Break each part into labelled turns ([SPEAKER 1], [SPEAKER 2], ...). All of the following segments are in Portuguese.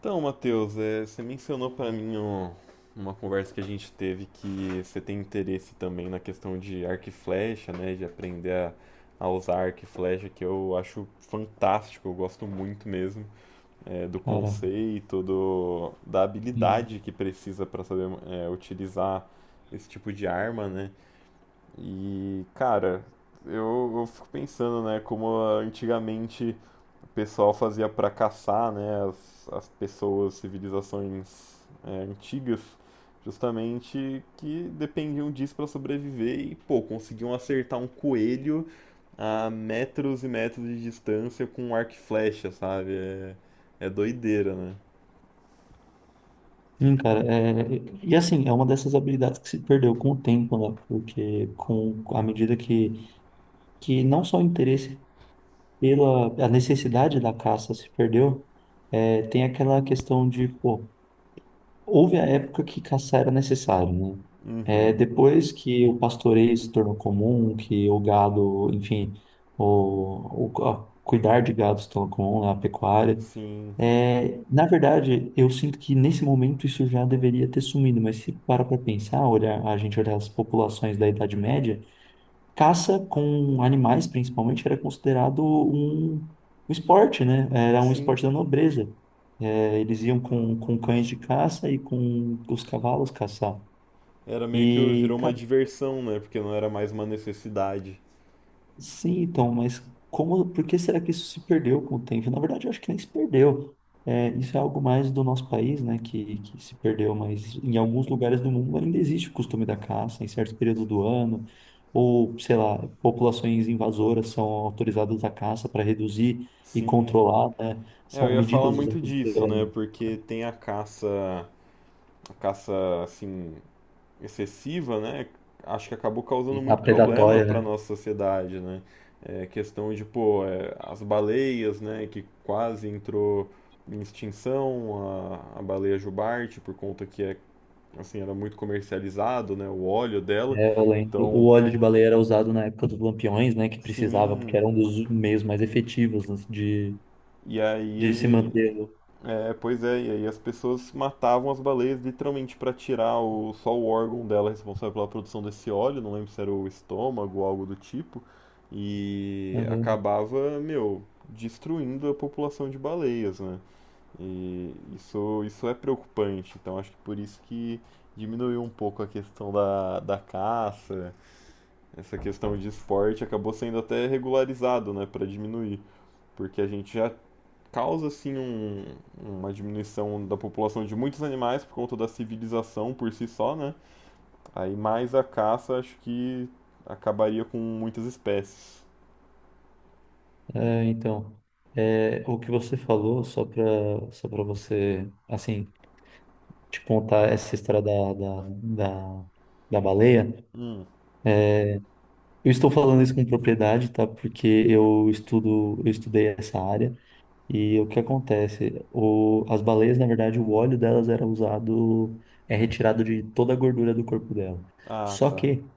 [SPEAKER 1] Então, Matheus, você mencionou para mim uma conversa que a gente teve que você tem interesse também na questão de arco e flecha, né? De aprender a usar arco e flecha, que eu acho fantástico, eu gosto muito mesmo do
[SPEAKER 2] Cara,
[SPEAKER 1] conceito, da
[SPEAKER 2] sim,
[SPEAKER 1] habilidade que precisa para saber utilizar esse tipo de arma, né? E, cara, eu fico pensando, né, como antigamente o pessoal fazia para caçar, né, as pessoas, civilizações antigas, justamente que dependiam disso para sobreviver e, pô, conseguiam acertar um coelho a metros e metros de distância com um arco e flecha, sabe? É doideira, né?
[SPEAKER 2] sim, cara, é, e assim, é uma dessas habilidades que se perdeu com o tempo, né? Porque com a medida que não só o interesse pela a necessidade da caça se perdeu, é, tem aquela questão de, pô, houve a época que caçar era necessário, né? É,
[SPEAKER 1] Uhum.
[SPEAKER 2] depois que o pastoreio se tornou comum, que o gado, enfim, cuidar de gado se tornou comum, né? A pecuária.
[SPEAKER 1] Sim,
[SPEAKER 2] É, na verdade, eu sinto que nesse momento isso já deveria ter sumido, mas se para pensar, olhar, a gente olhar as populações da Idade Média, caça com animais, principalmente, era considerado um esporte, né? Era um
[SPEAKER 1] sim.
[SPEAKER 2] esporte da nobreza. É, eles iam com cães de caça e com os cavalos caçar.
[SPEAKER 1] Era meio que
[SPEAKER 2] E,
[SPEAKER 1] virou uma diversão, né? Porque não era mais uma necessidade.
[SPEAKER 2] sim, então, mas como, por que será que isso se perdeu com o tempo? Na verdade, eu acho que nem se perdeu. É, isso é algo mais do nosso país, né, que se perdeu, mas em alguns lugares do mundo ainda existe o costume da caça, em certos períodos do ano, ou, sei lá, populações invasoras são autorizadas à caça para reduzir e
[SPEAKER 1] Sim.
[SPEAKER 2] controlar, né?
[SPEAKER 1] É, eu
[SPEAKER 2] São
[SPEAKER 1] ia falar
[SPEAKER 2] medidas
[SPEAKER 1] muito
[SPEAKER 2] usadas
[SPEAKER 1] disso,
[SPEAKER 2] pela
[SPEAKER 1] né? Porque tem a caça assim excessiva, né? Acho que acabou causando
[SPEAKER 2] a
[SPEAKER 1] muito problema
[SPEAKER 2] predatória,
[SPEAKER 1] para
[SPEAKER 2] né?
[SPEAKER 1] nossa sociedade, né? É questão de, pô, é, as baleias, né, que quase entrou em extinção, a baleia jubarte, por conta que é, assim, era muito comercializado, né, o óleo dela.
[SPEAKER 2] É, eu lembro. O
[SPEAKER 1] Então,
[SPEAKER 2] óleo de baleia era usado na época dos lampiões, né, que precisava,
[SPEAKER 1] sim,
[SPEAKER 2] porque era um dos meios mais efetivos assim, de
[SPEAKER 1] e
[SPEAKER 2] De se
[SPEAKER 1] aí
[SPEAKER 2] mantê-lo.
[SPEAKER 1] é, pois é, e aí as pessoas matavam as baleias literalmente para tirar o, só o órgão dela responsável pela produção desse óleo, não lembro se era o estômago ou algo do tipo, e
[SPEAKER 2] Aham.
[SPEAKER 1] acabava, meu, destruindo a população de baleias, né? E isso é preocupante, então acho que por isso que diminuiu um pouco a questão da caça, essa questão de esporte acabou sendo até regularizado, né, para diminuir, porque a gente já causa assim uma diminuição da população de muitos animais por conta da civilização por si só, né? Aí mais a caça, acho que acabaria com muitas espécies.
[SPEAKER 2] É, então, é, o que você falou, só para você, assim, te contar essa história da baleia.
[SPEAKER 1] Hum,
[SPEAKER 2] Eu estou falando isso com propriedade, tá? Porque eu estudo, eu estudei essa área e o que acontece? O, as baleias, na verdade, o óleo delas era usado, é retirado de toda a gordura do corpo dela.
[SPEAKER 1] ah,
[SPEAKER 2] Só
[SPEAKER 1] tá.
[SPEAKER 2] que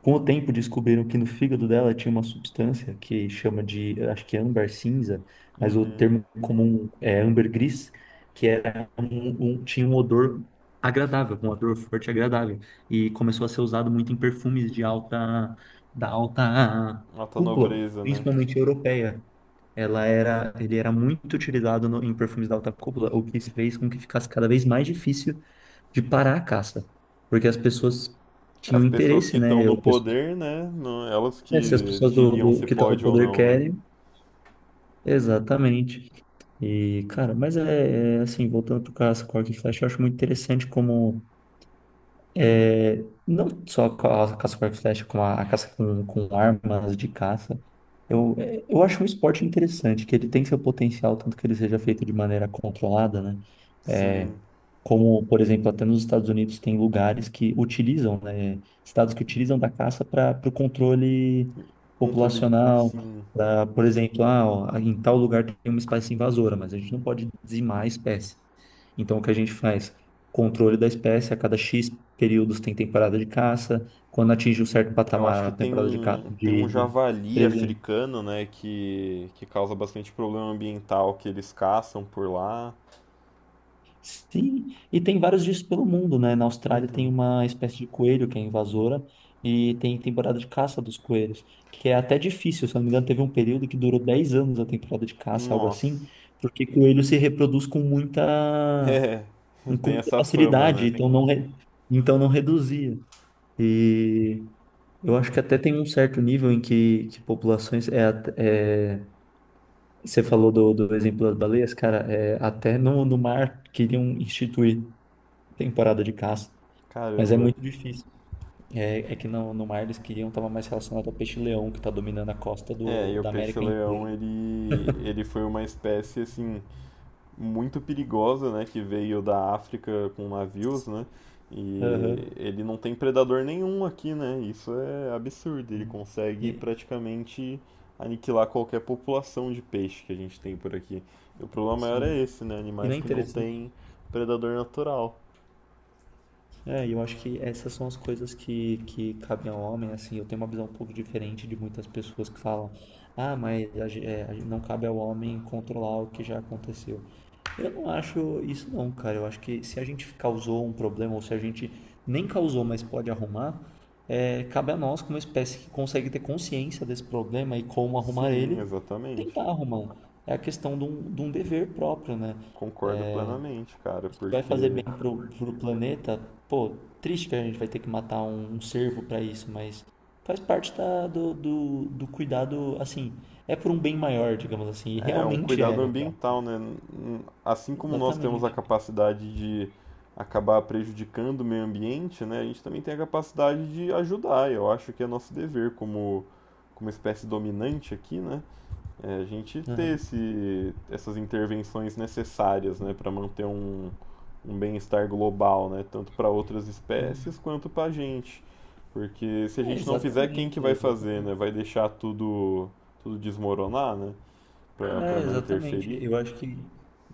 [SPEAKER 2] com o tempo, descobriram que no fígado dela tinha uma substância que chama de, acho que é âmbar cinza, mas o
[SPEAKER 1] Uhum.
[SPEAKER 2] termo comum é âmbar gris, que era tinha um odor agradável, um odor forte e agradável, e começou a ser usado muito em perfumes de alta, da alta
[SPEAKER 1] Alta
[SPEAKER 2] cúpula,
[SPEAKER 1] nobreza, né?
[SPEAKER 2] principalmente europeia. Ele era muito utilizado em perfumes da alta cúpula, o que fez com que ficasse cada vez mais difícil de parar a caça, porque as pessoas
[SPEAKER 1] As
[SPEAKER 2] tinham
[SPEAKER 1] pessoas
[SPEAKER 2] interesse,
[SPEAKER 1] que
[SPEAKER 2] né?
[SPEAKER 1] estão no poder, né? Elas
[SPEAKER 2] É, se as
[SPEAKER 1] que
[SPEAKER 2] pessoas
[SPEAKER 1] diriam se
[SPEAKER 2] que estão no
[SPEAKER 1] pode ou
[SPEAKER 2] poder
[SPEAKER 1] não, né?
[SPEAKER 2] querem, exatamente. E, cara, mas assim, voltando pro caso, Cork e Flash, eu acho muito interessante como. É, não só com a caça com arco e flecha, como a caça com armas de caça. Eu, é, eu acho um esporte interessante, que ele tem seu potencial, tanto que ele seja feito de maneira controlada, né? É,
[SPEAKER 1] Sim,
[SPEAKER 2] como, por exemplo, até nos Estados Unidos tem lugares que utilizam, né? Estados que utilizam da caça para o controle
[SPEAKER 1] controle,
[SPEAKER 2] populacional.
[SPEAKER 1] sim.
[SPEAKER 2] Pra, por exemplo, ah, ó, em tal lugar tem uma espécie invasora, mas a gente não pode dizimar a espécie. Então, o que a gente faz? Controle da espécie, a cada X períodos tem temporada de caça, quando atinge um certo
[SPEAKER 1] Eu acho
[SPEAKER 2] patamar,
[SPEAKER 1] que
[SPEAKER 2] a
[SPEAKER 1] tem
[SPEAKER 2] temporada de caça
[SPEAKER 1] tem
[SPEAKER 2] de,
[SPEAKER 1] um
[SPEAKER 2] de
[SPEAKER 1] javali
[SPEAKER 2] presente.
[SPEAKER 1] africano, né, que causa bastante problema ambiental, que eles caçam por lá.
[SPEAKER 2] Sim, e tem vários disso pelo mundo, né? Na Austrália tem
[SPEAKER 1] Uhum.
[SPEAKER 2] uma espécie de coelho que é invasora e tem temporada de caça dos coelhos, que é até difícil, se eu não me engano, teve um período que durou 10 anos a temporada de caça, algo assim,
[SPEAKER 1] Nossa.
[SPEAKER 2] porque coelho se reproduz
[SPEAKER 1] É,
[SPEAKER 2] com
[SPEAKER 1] tem
[SPEAKER 2] muita
[SPEAKER 1] essa fama,
[SPEAKER 2] facilidade,
[SPEAKER 1] né?
[SPEAKER 2] então não, então não reduzia. E eu acho que até tem um certo nível em que populações é, at- é você falou do exemplo das baleias, cara, é, até no mar queriam instituir temporada de caça, mas é
[SPEAKER 1] Caramba.
[SPEAKER 2] muito difícil. É, é que no mar eles queriam estava mais relacionado ao peixe-leão que está dominando a costa
[SPEAKER 1] É, e o
[SPEAKER 2] da América inteira.
[SPEAKER 1] peixe-leão, ele foi uma espécie, assim, muito perigosa, né, que veio da África com navios, né? E
[SPEAKER 2] Aham.
[SPEAKER 1] ele não tem predador nenhum aqui, né? Isso é absurdo. Ele consegue
[SPEAKER 2] E,
[SPEAKER 1] praticamente aniquilar qualquer população de peixe que a gente tem por aqui. E o problema maior é
[SPEAKER 2] sim.
[SPEAKER 1] esse, né?
[SPEAKER 2] E não é
[SPEAKER 1] Animais que não
[SPEAKER 2] interessante.
[SPEAKER 1] têm predador natural.
[SPEAKER 2] É, e eu acho que essas são as coisas que cabem ao homem, assim, eu tenho uma visão um pouco diferente de muitas pessoas que falam, ah, mas a ge- é, a ge- não cabe ao homem controlar o que já aconteceu. Eu não acho isso não, cara, eu acho que se a gente causou um problema, ou se a gente nem causou, mas pode arrumar, é, cabe a nós, como espécie que consegue ter consciência desse problema e como arrumar
[SPEAKER 1] Sim,
[SPEAKER 2] ele,
[SPEAKER 1] exatamente.
[SPEAKER 2] tentar arrumar. Um. É a questão de um dever próprio, né?
[SPEAKER 1] Concordo plenamente, cara,
[SPEAKER 2] Que vai fazer
[SPEAKER 1] porque
[SPEAKER 2] bem pro planeta, pô, triste que a gente vai ter que matar um cervo pra isso, mas faz parte do cuidado, assim, é por um bem maior, digamos assim, e
[SPEAKER 1] é, um
[SPEAKER 2] realmente é,
[SPEAKER 1] cuidado
[SPEAKER 2] no caso.
[SPEAKER 1] ambiental, né? Assim como nós temos a
[SPEAKER 2] Exatamente.
[SPEAKER 1] capacidade de acabar prejudicando o meio ambiente, né? A gente também tem a capacidade de ajudar. Eu acho que é nosso dever como, como espécie dominante aqui, né? É a gente ter
[SPEAKER 2] Aham.
[SPEAKER 1] esse, essas intervenções necessárias, né? Para manter um, um bem-estar global, né? Tanto para outras espécies quanto para a gente. Porque se a
[SPEAKER 2] É,
[SPEAKER 1] gente não fizer, quem que
[SPEAKER 2] exatamente,
[SPEAKER 1] vai fazer, né?
[SPEAKER 2] exatamente.
[SPEAKER 1] Vai deixar tudo, tudo desmoronar, né? Pra, pra
[SPEAKER 2] É,
[SPEAKER 1] não
[SPEAKER 2] exatamente.
[SPEAKER 1] interferir.
[SPEAKER 2] Eu acho que,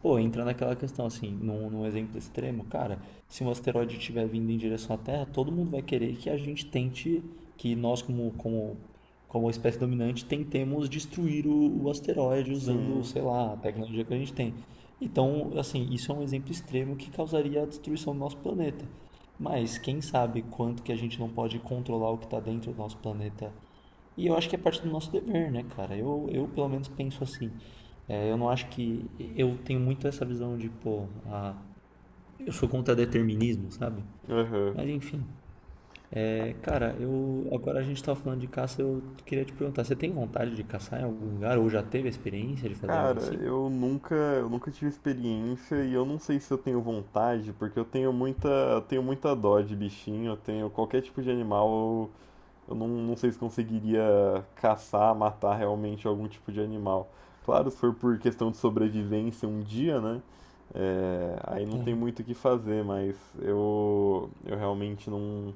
[SPEAKER 2] pô, entra naquela questão assim, num exemplo extremo, cara, se um asteroide estiver vindo em direção à Terra, todo mundo vai querer que a gente tente, que nós como espécie dominante tentemos destruir o asteroide usando,
[SPEAKER 1] Sim.
[SPEAKER 2] sei lá, a tecnologia que a gente tem. Então, assim, isso é um exemplo extremo que causaria a destruição do nosso planeta. Mas quem sabe quanto que a gente não pode controlar o que está dentro do nosso planeta e eu acho que é parte do nosso dever, né, cara? Eu pelo menos penso assim. É, eu não acho que. Eu tenho muito essa visão de, pô, a, eu sou contra determinismo, sabe?
[SPEAKER 1] Aham. Uhum.
[SPEAKER 2] Mas enfim. É, cara, eu. Agora a gente tava falando de caça, eu queria te perguntar: você tem vontade de caçar em algum lugar? Ou já teve a experiência de fazer algo
[SPEAKER 1] Cara,
[SPEAKER 2] assim?
[SPEAKER 1] eu nunca tive experiência e eu não sei se eu tenho vontade, porque eu tenho muita dó de bichinho, eu tenho qualquer tipo de animal, eu não, não sei se conseguiria caçar, matar realmente algum tipo de animal. Claro, se for por questão de sobrevivência um dia, né? É, aí não
[SPEAKER 2] É,
[SPEAKER 1] tem muito o que fazer, mas eu realmente não,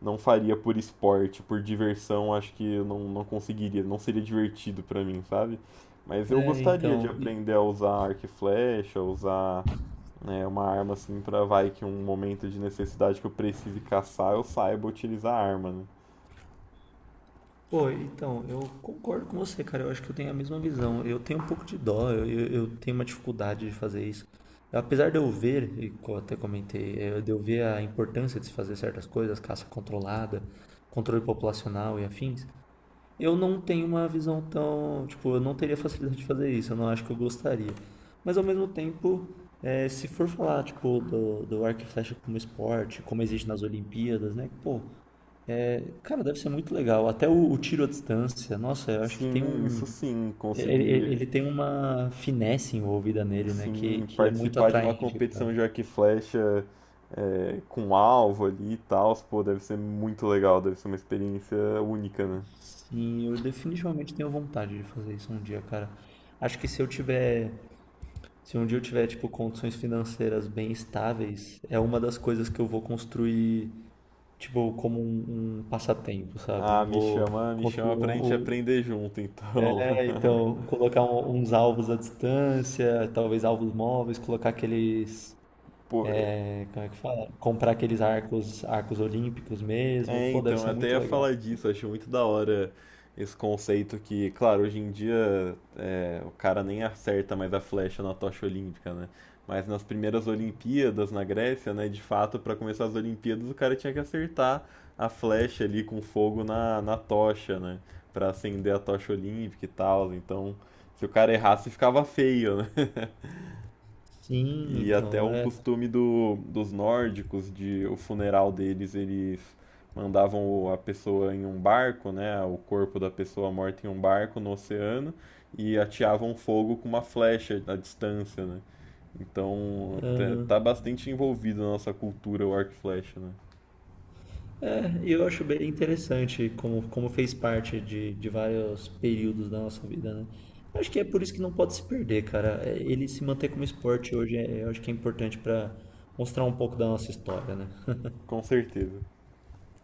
[SPEAKER 1] não faria por esporte, por diversão, acho que eu não, não conseguiria, não seria divertido pra mim, sabe? Mas eu
[SPEAKER 2] é,
[SPEAKER 1] gostaria de
[SPEAKER 2] então.
[SPEAKER 1] aprender a usar arco e flecha, usar né, uma arma assim pra vai que um momento de necessidade que eu precise caçar, eu saiba utilizar a arma, né?
[SPEAKER 2] Pô, então, eu concordo com você, cara. Eu acho que eu tenho a mesma visão. Eu tenho um pouco de dó, eu tenho uma dificuldade de fazer isso. Apesar de eu ver, e até comentei, eh, de eu ver a importância de se fazer certas coisas, caça controlada, controle populacional e afins, eu não tenho uma visão tão. Tipo, eu não teria facilidade de fazer isso, eu não acho que eu gostaria. Mas ao mesmo tempo, eh, se for falar, tipo, do arco e flecha como esporte, como existe nas Olimpíadas, né? Pô. Cara, deve ser muito legal. Até o tiro à distância, nossa, eu acho que tem
[SPEAKER 1] Sim,
[SPEAKER 2] um.
[SPEAKER 1] isso sim, conseguir
[SPEAKER 2] Ele tem uma finesse envolvida nele, né?
[SPEAKER 1] sim
[SPEAKER 2] Que é muito
[SPEAKER 1] participar de uma
[SPEAKER 2] atraente, cara.
[SPEAKER 1] competição de arco e flecha é, com alvo ali e tal, pô, deve ser muito legal, deve ser uma experiência única, né?
[SPEAKER 2] Sim, eu definitivamente tenho vontade de fazer isso um dia, cara. Acho que se eu tiver. Se um dia eu tiver, tipo, condições financeiras bem estáveis, é uma das coisas que eu vou construir, tipo, como um passatempo, sabe?
[SPEAKER 1] Ah,
[SPEAKER 2] Vou
[SPEAKER 1] me chama
[SPEAKER 2] construir
[SPEAKER 1] pra gente aprender junto, então.
[SPEAKER 2] é, então, colocar uns alvos à distância, talvez alvos móveis, colocar aqueles,
[SPEAKER 1] Pô,
[SPEAKER 2] é, como é que fala? Comprar aqueles arcos, arcos olímpicos mesmo.
[SPEAKER 1] é,
[SPEAKER 2] Pô, deve
[SPEAKER 1] então, eu
[SPEAKER 2] ser
[SPEAKER 1] até
[SPEAKER 2] muito
[SPEAKER 1] ia
[SPEAKER 2] legal.
[SPEAKER 1] falar disso, acho muito da hora esse conceito que, claro, hoje em dia é, o cara nem acerta mais a flecha na tocha olímpica, né? Mas nas primeiras Olimpíadas na Grécia, né, de fato, pra começar as Olimpíadas, o cara tinha que acertar a flecha ali com fogo na tocha, né? Pra acender a tocha olímpica e tal. Então, se o cara errasse, ficava feio, né?
[SPEAKER 2] Sim,
[SPEAKER 1] E até
[SPEAKER 2] então
[SPEAKER 1] um
[SPEAKER 2] é.
[SPEAKER 1] costume do, dos nórdicos de o funeral deles, eles mandavam a pessoa em um barco, né, o corpo da pessoa morta em um barco no oceano e ateavam fogo com uma flecha à distância, né? Então, tá bastante envolvido na nossa cultura o arco e flecha, né?
[SPEAKER 2] É, e eu acho bem interessante como, como fez parte de vários períodos da nossa vida, né? Acho que é por isso que não pode se perder, cara. É, ele se manter como esporte hoje, é, eu acho que é importante para mostrar um pouco da nossa história, né?
[SPEAKER 1] Com certeza.